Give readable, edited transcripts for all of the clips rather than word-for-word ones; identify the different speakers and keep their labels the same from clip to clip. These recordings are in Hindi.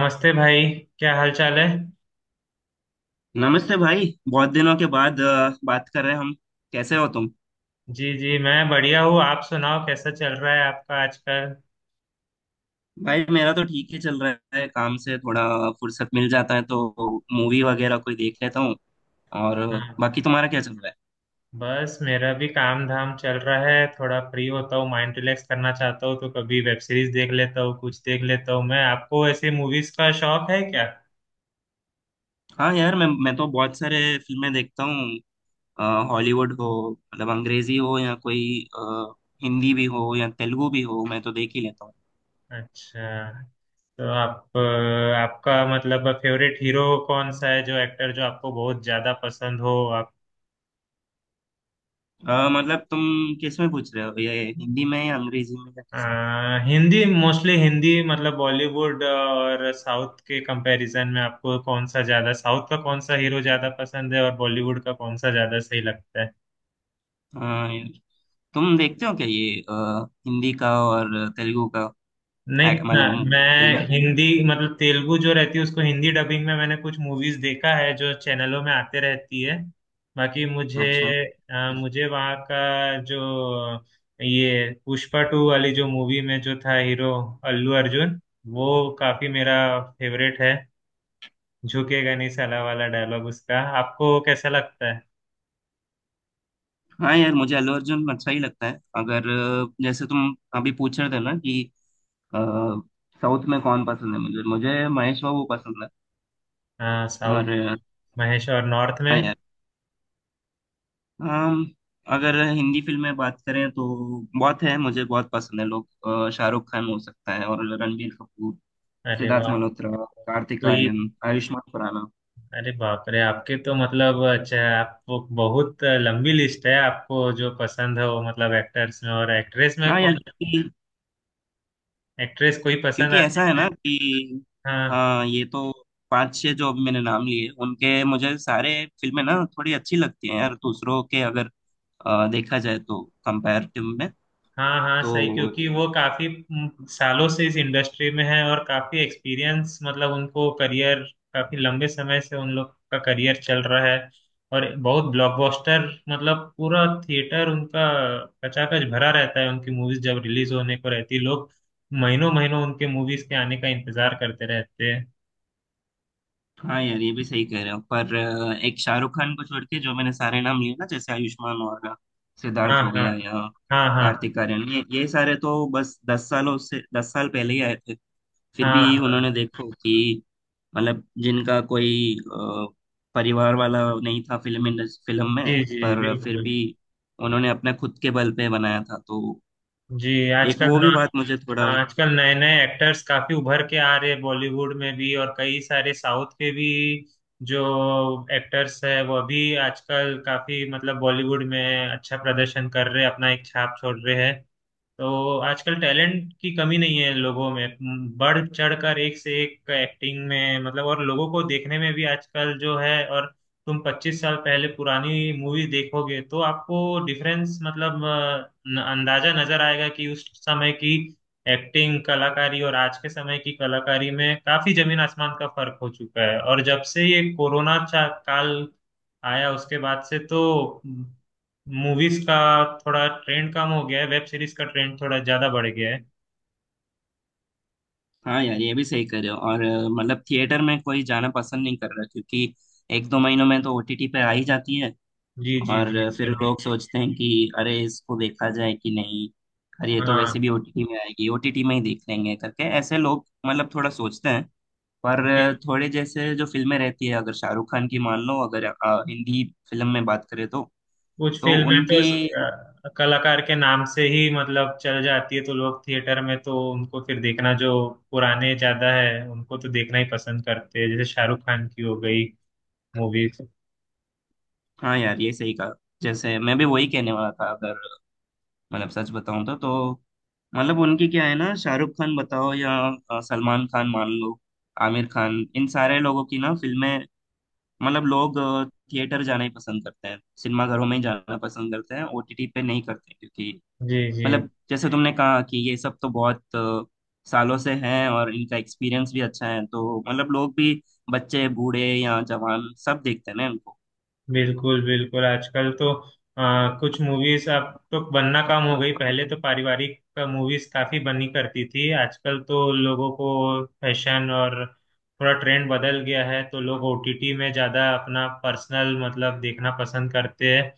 Speaker 1: नमस्ते भाई। क्या हाल चाल है?
Speaker 2: नमस्ते भाई। बहुत दिनों के बाद बात कर रहे हैं हम। कैसे हो तुम?
Speaker 1: जी जी, मैं बढ़िया हूँ। आप सुनाओ, कैसा चल रहा है आपका आजकल?
Speaker 2: भाई मेरा तो ठीक ही चल रहा है, काम से थोड़ा फुर्सत मिल जाता है तो मूवी वगैरह कोई देख लेता हूँ। और
Speaker 1: हाँ,
Speaker 2: बाकी तुम्हारा क्या चल रहा है?
Speaker 1: बस मेरा भी काम धाम चल रहा है। थोड़ा फ्री होता हूँ, माइंड रिलैक्स करना चाहता हूँ तो कभी वेब सीरीज देख लेता हूँ, कुछ देख लेता हूँ मैं। आपको ऐसे मूवीज का शौक है क्या?
Speaker 2: हाँ यार, मैं तो बहुत सारे फिल्में देखता हूँ। अ, हॉलीवुड हो, मतलब अंग्रेजी हो, या कोई अ, हिंदी भी हो या तेलुगु भी हो, मैं तो देख ही लेता हूँ।
Speaker 1: अच्छा। तो आप आपका मतलब फेवरेट हीरो कौन सा है, जो एक्टर जो आपको बहुत ज्यादा पसंद हो?
Speaker 2: मतलब तुम किस में पूछ रहे हो, ये हिंदी में या अंग्रेजी में या किस में?
Speaker 1: हिंदी, मोस्टली हिंदी मतलब। बॉलीवुड और साउथ के कंपैरिजन में आपको कौन सा ज्यादा, साउथ का कौन सा हीरो ज्यादा
Speaker 2: हम्म।
Speaker 1: पसंद है और बॉलीवुड का कौन सा ज्यादा सही लगता है?
Speaker 2: हाँ यार, तुम देखते हो क्या ये हिंदी का और तेलुगु का?
Speaker 1: नहीं ना,
Speaker 2: मतलब फिल्में।
Speaker 1: मैं हिंदी मतलब, तेलुगु जो रहती है उसको हिंदी डबिंग में मैंने कुछ मूवीज देखा है जो चैनलों में आते रहती है। बाकी मुझे
Speaker 2: अच्छा।
Speaker 1: मुझे वहाँ का जो, ये पुष्पा टू वाली जो मूवी में जो था हीरो, अल्लू अर्जुन, वो काफी मेरा फेवरेट है। झुकेगा नहीं साला वाला डायलॉग उसका आपको कैसा लगता है?
Speaker 2: हाँ यार, मुझे अल्लू अर्जुन अच्छा ही लगता है। अगर जैसे तुम अभी पूछ रहे थे ना कि अ, साउथ में कौन पसंद है, मुझे मुझे महेश बाबू पसंद
Speaker 1: हाँ,
Speaker 2: है।
Speaker 1: साउथ
Speaker 2: और
Speaker 1: महेश और नॉर्थ
Speaker 2: हाँ
Speaker 1: में।
Speaker 2: यार, अम, अगर हिंदी फिल्म में बात करें तो बहुत है, मुझे बहुत पसंद है लोग। शाहरुख खान हो सकता है, और रणबीर कपूर,
Speaker 1: अरे
Speaker 2: सिद्धार्थ
Speaker 1: वाह।
Speaker 2: मल्होत्रा, कार्तिक
Speaker 1: कोई...
Speaker 2: आर्यन, आयुष्मान खुराना।
Speaker 1: अरे बाप रे, आपके तो मतलब, अच्छा, आपको बहुत लंबी लिस्ट है आपको जो पसंद है वो, मतलब एक्टर्स में। और एक्ट्रेस में
Speaker 2: हाँ
Speaker 1: कौन
Speaker 2: यार,
Speaker 1: एक्ट्रेस कोई पसंद
Speaker 2: क्योंकि ऐसा
Speaker 1: आती
Speaker 2: है
Speaker 1: है?
Speaker 2: ना कि
Speaker 1: हाँ
Speaker 2: हाँ, ये तो पांच छह जो अभी मैंने नाम लिए, उनके मुझे सारे फिल्में ना थोड़ी अच्छी लगती हैं यार, दूसरों के अगर देखा जाए तो कंपैरेटिव में।
Speaker 1: हाँ, हाँ सही,
Speaker 2: तो
Speaker 1: क्योंकि वो काफी सालों से इस इंडस्ट्री में है और काफी एक्सपीरियंस, मतलब उनको करियर, काफी लंबे समय से उन लोग का करियर चल रहा है और बहुत ब्लॉकबस्टर, मतलब पूरा थिएटर उनका कचाकच भरा रहता है। उनकी मूवीज जब रिलीज होने को रहती है लोग महीनों महीनों उनके मूवीज के आने का इंतजार करते रहते हैं।
Speaker 2: हाँ यार, ये भी सही कह रहे हो। पर एक शाहरुख खान को छोड़ के जो मैंने सारे नाम लिए ना, जैसे आयुष्मान खुराना, सिद्धार्थ
Speaker 1: हाँ
Speaker 2: हो
Speaker 1: हाँ
Speaker 2: गया, या
Speaker 1: हाँ हाँ,
Speaker 2: कार्तिक आर्यन, ये सारे तो बस दस सालों से, दस साल पहले ही आए थे। फिर
Speaker 1: हाँ
Speaker 2: भी
Speaker 1: हाँ,
Speaker 2: उन्होंने देखो कि मतलब जिनका कोई परिवार वाला नहीं था फिल्म इंडस्ट्री, फिल्म में,
Speaker 1: जी जी
Speaker 2: पर फिर
Speaker 1: बिल्कुल।
Speaker 2: भी उन्होंने अपने खुद के बल पे बनाया था। तो
Speaker 1: जी,
Speaker 2: एक वो भी बात मुझे थोड़ा।
Speaker 1: आजकल नए नए एक्टर्स काफी उभर के आ रहे हैं बॉलीवुड में भी, और कई सारे साउथ के भी जो एक्टर्स है वो भी आजकल काफी मतलब बॉलीवुड में अच्छा प्रदर्शन कर रहे हैं, अपना एक छाप छोड़ रहे हैं। तो आजकल टैलेंट की कमी नहीं है लोगों में, बढ़ चढ़कर एक से एक एक्टिंग में, मतलब और लोगों को देखने में भी आजकल जो है। और तुम 25 साल पहले पुरानी मूवी देखोगे तो आपको डिफरेंस, मतलब अंदाजा नजर आएगा कि उस समय की एक्टिंग कलाकारी और आज के समय की कलाकारी में काफी जमीन आसमान का फर्क हो चुका है। और जब से ये कोरोना काल आया उसके बाद से तो मूवीज का थोड़ा ट्रेंड कम हो गया है, वेब सीरीज का ट्रेंड थोड़ा ज्यादा बढ़ गया है।
Speaker 2: हाँ यार, ये भी सही करे हो। और मतलब थिएटर में कोई जाना पसंद नहीं कर रहा, क्योंकि एक दो महीनों में तो ओटीटी पे आ ही जाती है।
Speaker 1: जी जी
Speaker 2: और
Speaker 1: जी
Speaker 2: फिर लोग सोचते हैं कि अरे इसको देखा जाए कि नहीं, अरे ये तो
Speaker 1: हाँ
Speaker 2: वैसे भी ओटीटी में आएगी, ओटीटी में ही देख लेंगे करके, ऐसे लोग मतलब थोड़ा सोचते हैं।
Speaker 1: जी।
Speaker 2: पर थोड़े जैसे जो फिल्में रहती है, अगर शाहरुख खान की मान लो, अगर हिंदी फिल्म में बात करें
Speaker 1: कुछ
Speaker 2: तो
Speaker 1: फिल्में तो
Speaker 2: उनकी।
Speaker 1: कलाकार के नाम से ही मतलब चल जाती है तो लोग थिएटर में तो उनको फिर देखना, जो पुराने ज्यादा है उनको तो देखना ही पसंद करते हैं, जैसे शाहरुख खान की हो गई मूवीज।
Speaker 2: हाँ यार, ये सही कहा, जैसे मैं भी वही कहने वाला था। अगर मतलब सच बताऊं तो मतलब उनकी क्या है ना, शाहरुख खान बताओ, या सलमान खान मान लो, आमिर खान, इन सारे लोगों की ना फिल्में मतलब लोग थिएटर जाना ही पसंद करते हैं, सिनेमा घरों में ही जाना पसंद करते हैं, ओटीटी पे नहीं करते। क्योंकि
Speaker 1: जी जी,
Speaker 2: मतलब जैसे तुमने कहा कि ये सब तो बहुत सालों से हैं और इनका एक्सपीरियंस भी अच्छा है, तो मतलब लोग भी, बच्चे बूढ़े या जवान, सब देखते हैं ना इनको।
Speaker 1: बिल्कुल बिल्कुल। आजकल तो कुछ मूवीज अब तो बनना कम हो गई, पहले तो पारिवारिक मूवीज काफी बनी करती थी, आजकल तो लोगों को फैशन और थोड़ा ट्रेंड बदल गया है तो लोग ओटीटी में ज्यादा अपना पर्सनल मतलब देखना पसंद करते हैं।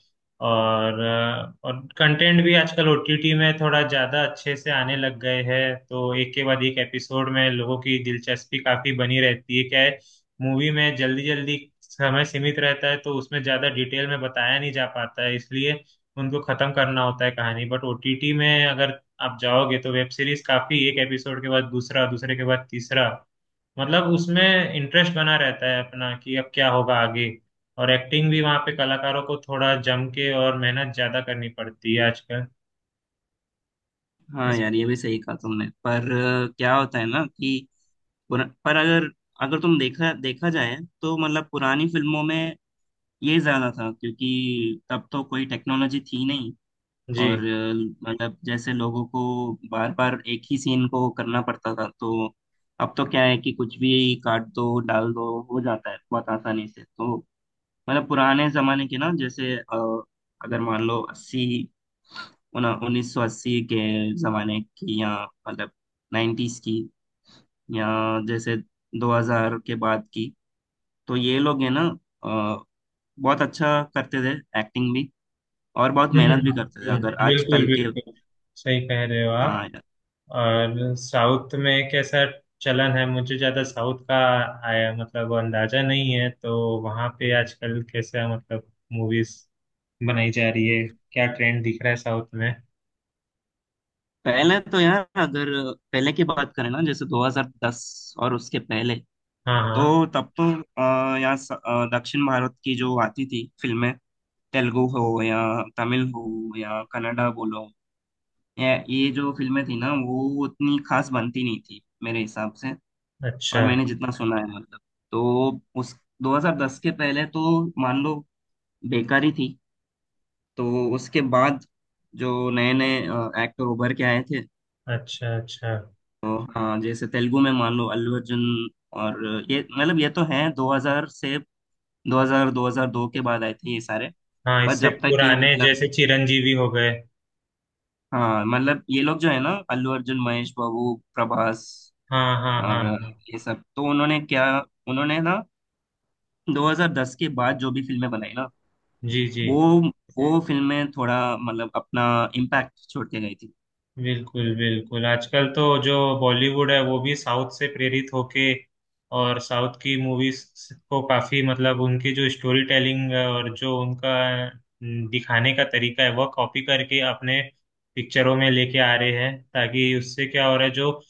Speaker 1: और और कंटेंट भी आजकल ओटीटी में थोड़ा ज्यादा अच्छे से आने लग गए हैं तो एक के बाद एक एपिसोड में लोगों की दिलचस्पी काफी बनी रहती है। क्या है, मूवी में जल्दी जल्दी समय सीमित रहता है तो उसमें ज्यादा डिटेल में बताया नहीं जा पाता है, इसलिए उनको खत्म करना होता है कहानी। बट ओटीटी में अगर आप जाओगे तो वेब सीरीज काफी, एक एपिसोड के बाद दूसरा, दूसरे के बाद तीसरा, मतलब उसमें इंटरेस्ट बना रहता है अपना कि अब क्या होगा आगे। और एक्टिंग भी वहाँ पे कलाकारों को थोड़ा जम के और मेहनत ज्यादा करनी पड़ती है आजकल
Speaker 2: हाँ
Speaker 1: इस।
Speaker 2: यार, ये भी सही कहा तुमने। पर क्या होता है ना कि पर अगर, अगर तुम देखा देखा जाए तो मतलब पुरानी फिल्मों में ये ज्यादा था, क्योंकि तब तो कोई टेक्नोलॉजी थी नहीं।
Speaker 1: जी।
Speaker 2: और मतलब जैसे लोगों को बार बार एक ही सीन को करना पड़ता था। तो अब तो क्या है कि कुछ भी काट दो डाल दो, हो जाता है बहुत आसानी से। तो मतलब पुराने जमाने के ना, जैसे अगर मान लो अस्सी, उन्नीस सौ अस्सी के जमाने की, या मतलब नाइन्टीज की, या जैसे दो हजार के बाद की, तो ये लोग है ना अ, बहुत अच्छा करते थे एक्टिंग भी, और बहुत मेहनत भी करते थे, अगर
Speaker 1: बिल्कुल
Speaker 2: आजकल के।
Speaker 1: बिल्कुल सही कह रहे हो आप।
Speaker 2: हाँ।
Speaker 1: और साउथ में कैसा चलन है, मुझे ज्यादा साउथ का आया मतलब अंदाजा नहीं है तो वहां पे आजकल कैसा मतलब मूवीज बनाई जा रही है, क्या ट्रेंड दिख रहा है साउथ में?
Speaker 2: पहले तो यार अगर पहले की बात करें ना, जैसे 2010 और उसके पहले,
Speaker 1: हाँ हाँ।
Speaker 2: तो तब तो यहाँ दक्षिण भारत की जो आती थी फिल्में, तेलुगु हो या तमिल हो या कन्नड़ा बोलो, या ये जो फिल्में थी ना वो उतनी खास बनती नहीं थी मेरे हिसाब से। और
Speaker 1: अच्छा
Speaker 2: मैंने जितना सुना है मतलब तो उस 2010 के पहले तो मान लो बेकारी थी। तो उसके बाद जो नए नए एक्टर उभर के आए थे
Speaker 1: अच्छा। अच्छा,
Speaker 2: तो, हाँ जैसे तेलुगु में मान लो अल्लू अर्जुन और, ये मतलब ये तो हैं 2000 से, 2000 2002 के बाद आए थे ये सारे।
Speaker 1: हाँ
Speaker 2: पर
Speaker 1: इससे
Speaker 2: जब तक ये
Speaker 1: पुराने
Speaker 2: मतलब,
Speaker 1: जैसे चिरंजीवी हो गए।
Speaker 2: हाँ मतलब ये लोग जो है ना, अल्लू अर्जुन, महेश बाबू, प्रभास
Speaker 1: हाँ हाँ हाँ
Speaker 2: और,
Speaker 1: हाँ,
Speaker 2: ये सब तो उन्होंने क्या, उन्होंने 2010 के बाद जो भी फिल्में बनाई ना,
Speaker 1: जी जी,
Speaker 2: वो वो फिल्में थोड़ा मतलब अपना इम्पैक्ट छोड़ के गई थी।
Speaker 1: बिल्कुल बिल्कुल। आजकल तो जो बॉलीवुड है वो भी साउथ से प्रेरित होके और साउथ की मूवीज को काफी, मतलब उनकी जो स्टोरी टेलिंग और जो उनका न, दिखाने का तरीका है वह कॉपी करके अपने पिक्चरों में लेके आ रहे हैं, ताकि उससे क्या हो रहा है, जो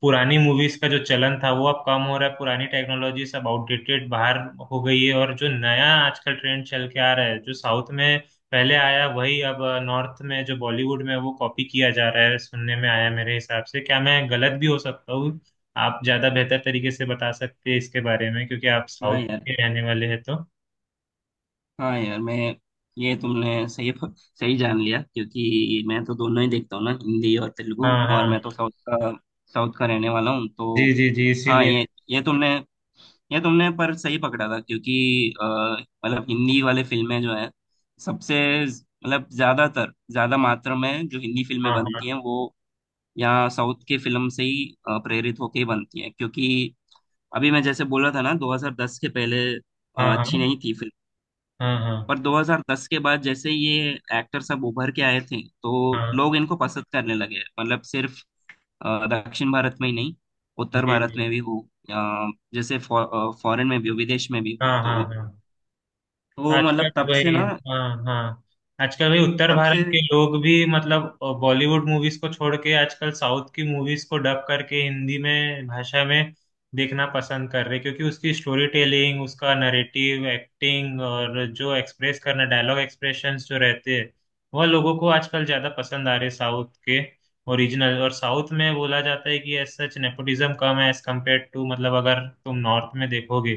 Speaker 1: पुरानी मूवीज का जो चलन था वो अब कम हो रहा है, पुरानी टेक्नोलॉजी सब आउटडेटेड बाहर हो गई है, और जो नया आजकल ट्रेंड चल के आ रहा है जो साउथ में पहले आया वही अब नॉर्थ में, जो बॉलीवुड में, वो कॉपी किया जा रहा है, सुनने में आया। मेरे हिसाब से, क्या, मैं गलत भी हो सकता हूँ। आप ज्यादा बेहतर तरीके से बता सकते हैं इसके बारे में क्योंकि आप
Speaker 2: हाँ
Speaker 1: साउथ
Speaker 2: यार।
Speaker 1: के रहने वाले हैं तो।
Speaker 2: हाँ यार, मैं ये तुमने सही सही जान लिया, क्योंकि मैं तो दोनों ही देखता हूँ ना, हिंदी और तेलुगु।
Speaker 1: हाँ
Speaker 2: और
Speaker 1: हाँ,
Speaker 2: मैं तो साउथ का रहने वाला हूँ, तो
Speaker 1: जी जी जी
Speaker 2: हाँ,
Speaker 1: इसीलिए।
Speaker 2: ये तुमने ये तुमने पर सही पकड़ा था। क्योंकि मतलब हिंदी वाले फिल्में जो है, सबसे मतलब ज्यादातर, ज्यादा मात्रा में जो हिंदी फिल्में
Speaker 1: हाँ हाँ
Speaker 2: बनती हैं, वो यहाँ साउथ के फिल्म से ही प्रेरित होके ही बनती हैं। क्योंकि अभी मैं जैसे बोला था ना 2010 के पहले
Speaker 1: हाँ हाँ,
Speaker 2: अच्छी नहीं थी।
Speaker 1: हाँ हाँ
Speaker 2: पर 2010 के बाद जैसे ही ये एक्टर सब उभर के आए थे तो
Speaker 1: हाँ,
Speaker 2: लोग इनको पसंद करने लगे, मतलब सिर्फ दक्षिण भारत में ही नहीं, उत्तर
Speaker 1: जी
Speaker 2: भारत
Speaker 1: जी।
Speaker 2: में भी हो, जैसे फॉरेन में भी हो, विदेश में भी हो।
Speaker 1: हाँ हाँ
Speaker 2: तो
Speaker 1: हाँ,
Speaker 2: वो मतलब
Speaker 1: आजकल
Speaker 2: तब से
Speaker 1: वही,
Speaker 2: ना
Speaker 1: हाँ हाँ, आजकल वही उत्तर
Speaker 2: तब
Speaker 1: भारत
Speaker 2: से
Speaker 1: के लोग भी मतलब बॉलीवुड मूवीज को छोड़ के आजकल साउथ की मूवीज को डब करके हिंदी में भाषा में देखना पसंद कर रहे हैं, क्योंकि उसकी स्टोरी टेलिंग, उसका नरेटिव, एक्टिंग और जो एक्सप्रेस करना, डायलॉग एक्सप्रेशंस जो रहते हैं वह लोगों को आजकल ज्यादा पसंद आ रहे साउथ के ओरिजिनल। और साउथ में बोला जाता है कि एज सच नेपोटिज्म कम है एज कम्पेयर टू, मतलब अगर तुम नॉर्थ में देखोगे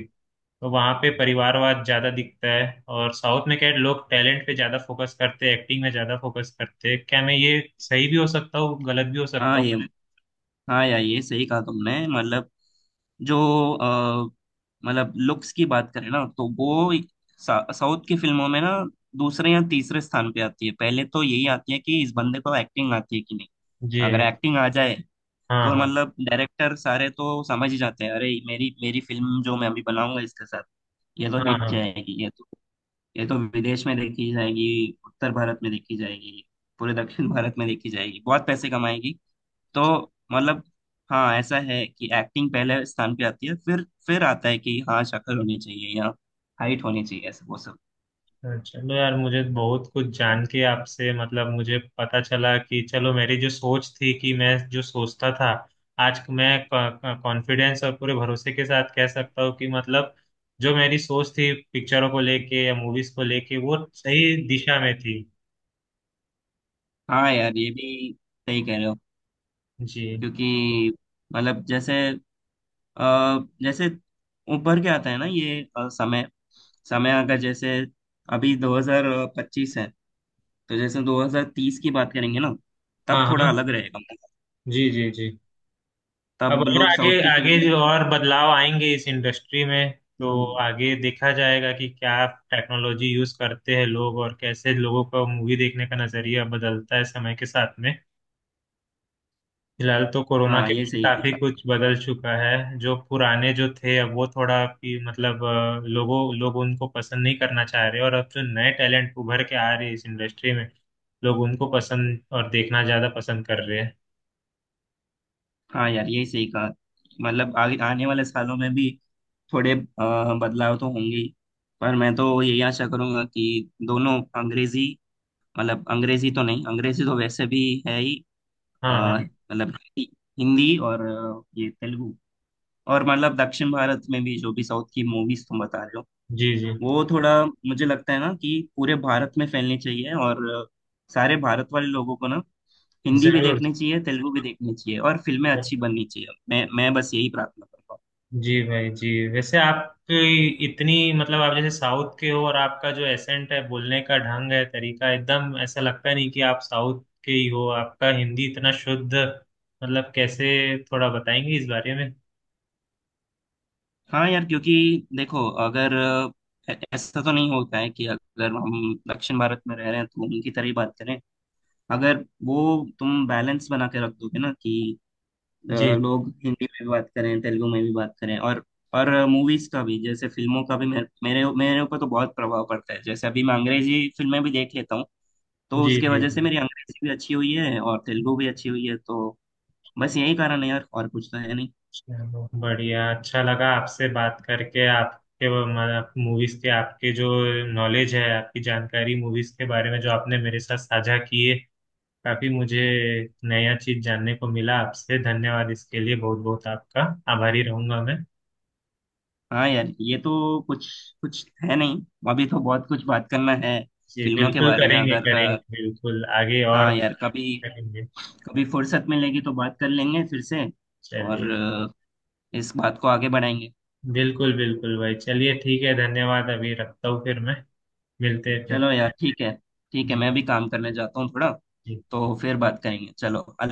Speaker 1: तो वहाँ पे परिवारवाद ज्यादा दिखता है, और साउथ में क्या है, लोग टैलेंट पे ज्यादा फोकस करते हैं, एक्टिंग में ज्यादा फोकस करते हैं। क्या मैं, ये सही भी हो सकता हूँ गलत भी हो
Speaker 2: हाँ
Speaker 1: सकता
Speaker 2: ये, हाँ यार, ये सही कहा तुमने। मतलब जो अ, मतलब लुक्स की बात करें ना तो वो एक साउथ की फिल्मों में ना दूसरे या तीसरे स्थान पे आती है। पहले तो यही आती है कि इस बंदे को एक्टिंग आती है कि नहीं।
Speaker 1: हूँ। ये
Speaker 2: अगर
Speaker 1: है।
Speaker 2: एक्टिंग आ जाए
Speaker 1: हाँ
Speaker 2: तो
Speaker 1: हाँ,
Speaker 2: मतलब डायरेक्टर सारे तो समझ ही जाते हैं, अरे मेरी मेरी फिल्म जो मैं अभी बनाऊंगा इसके साथ ये तो
Speaker 1: हाँ
Speaker 2: हिट
Speaker 1: हाँ।
Speaker 2: जाएगी, ये तो विदेश में देखी जाएगी, उत्तर भारत में देखी जाएगी, पूरे दक्षिण भारत में देखी जाएगी, बहुत पैसे कमाएगी। तो मतलब हाँ ऐसा है कि एक्टिंग पहले स्थान पे आती है, फिर आता है कि हाँ शक्ल होनी चाहिए या हाइट होनी चाहिए, ऐसा वो सब।
Speaker 1: चलो यार, मुझे बहुत कुछ जान के आपसे मतलब, मुझे पता चला कि चलो मेरी जो सोच थी, कि मैं जो सोचता था, आज मैं कॉन्फिडेंस और पूरे भरोसे के साथ कह सकता हूँ कि मतलब जो मेरी सोच थी पिक्चरों को लेके या मूवीज को लेके वो सही दिशा में थी।
Speaker 2: हाँ यार, ये भी सही कह रहे हो,
Speaker 1: जी।
Speaker 2: क्योंकि मतलब जैसे अ, जैसे ऊपर के आता है ना ये समय समय अगर, जैसे अभी 2025 है, तो जैसे 2030 की बात करेंगे ना
Speaker 1: हाँ
Speaker 2: तब थोड़ा
Speaker 1: हाँ,
Speaker 2: अलग रहेगा।
Speaker 1: जी जी जी। अब
Speaker 2: तब
Speaker 1: और
Speaker 2: लोग
Speaker 1: आगे
Speaker 2: साउथ की
Speaker 1: आगे जो
Speaker 2: फिल्में।
Speaker 1: और बदलाव आएंगे इस इंडस्ट्री में, तो
Speaker 2: हम्म।
Speaker 1: आगे देखा जाएगा कि क्या टेक्नोलॉजी यूज करते हैं लोग और कैसे लोगों का मूवी देखने का नजरिया बदलता है समय के साथ में। फिलहाल तो कोरोना
Speaker 2: हाँ
Speaker 1: के
Speaker 2: ये
Speaker 1: बाद
Speaker 2: सही।
Speaker 1: काफी कुछ बदल चुका है, जो पुराने जो थे अब वो थोड़ा कि मतलब लोग उनको पसंद नहीं करना चाह रहे, और अब जो नए टैलेंट उभर के आ रहे हैं इस इंडस्ट्री में लोग उनको पसंद और देखना ज्यादा पसंद कर रहे हैं।
Speaker 2: हाँ यार, यही सही कहा, मतलब आगे आने वाले सालों में भी थोड़े बदलाव तो होंगे ही। पर मैं तो यही आशा करूंगा कि दोनों अंग्रेजी, मतलब अंग्रेजी तो नहीं, अंग्रेजी तो वैसे भी है ही, अ,
Speaker 1: हाँ हाँ,
Speaker 2: मतलब हिंदी हिंदी और ये तेलुगु, और मतलब दक्षिण भारत में भी जो भी साउथ की मूवीज तुम बता रहे हो,
Speaker 1: जी जी।
Speaker 2: वो थोड़ा मुझे लगता है ना कि पूरे भारत में फैलनी चाहिए। और सारे भारत वाले लोगों को ना हिंदी भी
Speaker 1: जरूर।
Speaker 2: देखनी चाहिए, तेलुगु भी देखनी चाहिए, और फिल्में अच्छी बननी चाहिए, मैं बस यही प्रार्थना करता हूँ।
Speaker 1: जी भाई जी। वैसे आप इतनी मतलब, आप जैसे साउथ के हो और आपका जो एसेंट है, बोलने का ढंग है, तरीका, एकदम ऐसा लगता नहीं कि आप साउथ के ही हो, आपका हिंदी इतना शुद्ध मतलब कैसे, थोड़ा बताएंगे इस बारे में?
Speaker 2: हाँ यार, क्योंकि देखो अगर ऐसा तो नहीं होता है कि अगर हम दक्षिण भारत में रह रहे हैं तो उनकी तरह ही बात करें। अगर वो तुम बैलेंस बना के रख दोगे ना कि
Speaker 1: जी
Speaker 2: लोग हिंदी में भी बात करें, तेलुगु में भी बात करें, और मूवीज का भी, जैसे फिल्मों का भी मेरे मेरे मेरे ऊपर तो बहुत प्रभाव पड़ता है। जैसे अभी मैं अंग्रेजी फिल्में भी देख लेता हूँ, तो
Speaker 1: जी
Speaker 2: उसके
Speaker 1: जी
Speaker 2: वजह
Speaker 1: जी।
Speaker 2: से मेरी अंग्रेजी भी अच्छी हुई है और तेलुगु भी अच्छी हुई है। तो बस यही कारण है यार, और कुछ तो है नहीं।
Speaker 1: चलो बढ़िया, अच्छा लगा आपसे बात करके, आपके मूवीज के, आपके जो नॉलेज है, आपकी जानकारी मूवीज के बारे में जो आपने मेरे साथ साझा किए, काफी मुझे नया चीज जानने को मिला आपसे। धन्यवाद इसके लिए, बहुत बहुत आपका आभारी रहूंगा मैं।
Speaker 2: हाँ यार, ये तो कुछ कुछ है नहीं, अभी तो बहुत कुछ बात करना है
Speaker 1: जी
Speaker 2: फिल्मों के
Speaker 1: बिल्कुल,
Speaker 2: बारे में।
Speaker 1: करेंगे
Speaker 2: अगर
Speaker 1: करेंगे बिल्कुल, आगे और
Speaker 2: हाँ यार, कभी
Speaker 1: करेंगे।
Speaker 2: कभी फुर्सत मिलेगी तो बात कर लेंगे फिर से, और
Speaker 1: चलिए,
Speaker 2: इस बात को आगे बढ़ाएंगे।
Speaker 1: बिल्कुल बिल्कुल भाई, चलिए ठीक है। धन्यवाद, अभी रखता हूँ फिर मैं, मिलते हैं फिर।
Speaker 2: चलो यार, ठीक है, ठीक है,
Speaker 1: जी
Speaker 2: मैं
Speaker 1: भाई
Speaker 2: भी काम करने जाता हूँ थोड़ा,
Speaker 1: जी।
Speaker 2: तो फिर बात करेंगे। चलो, अलविदा।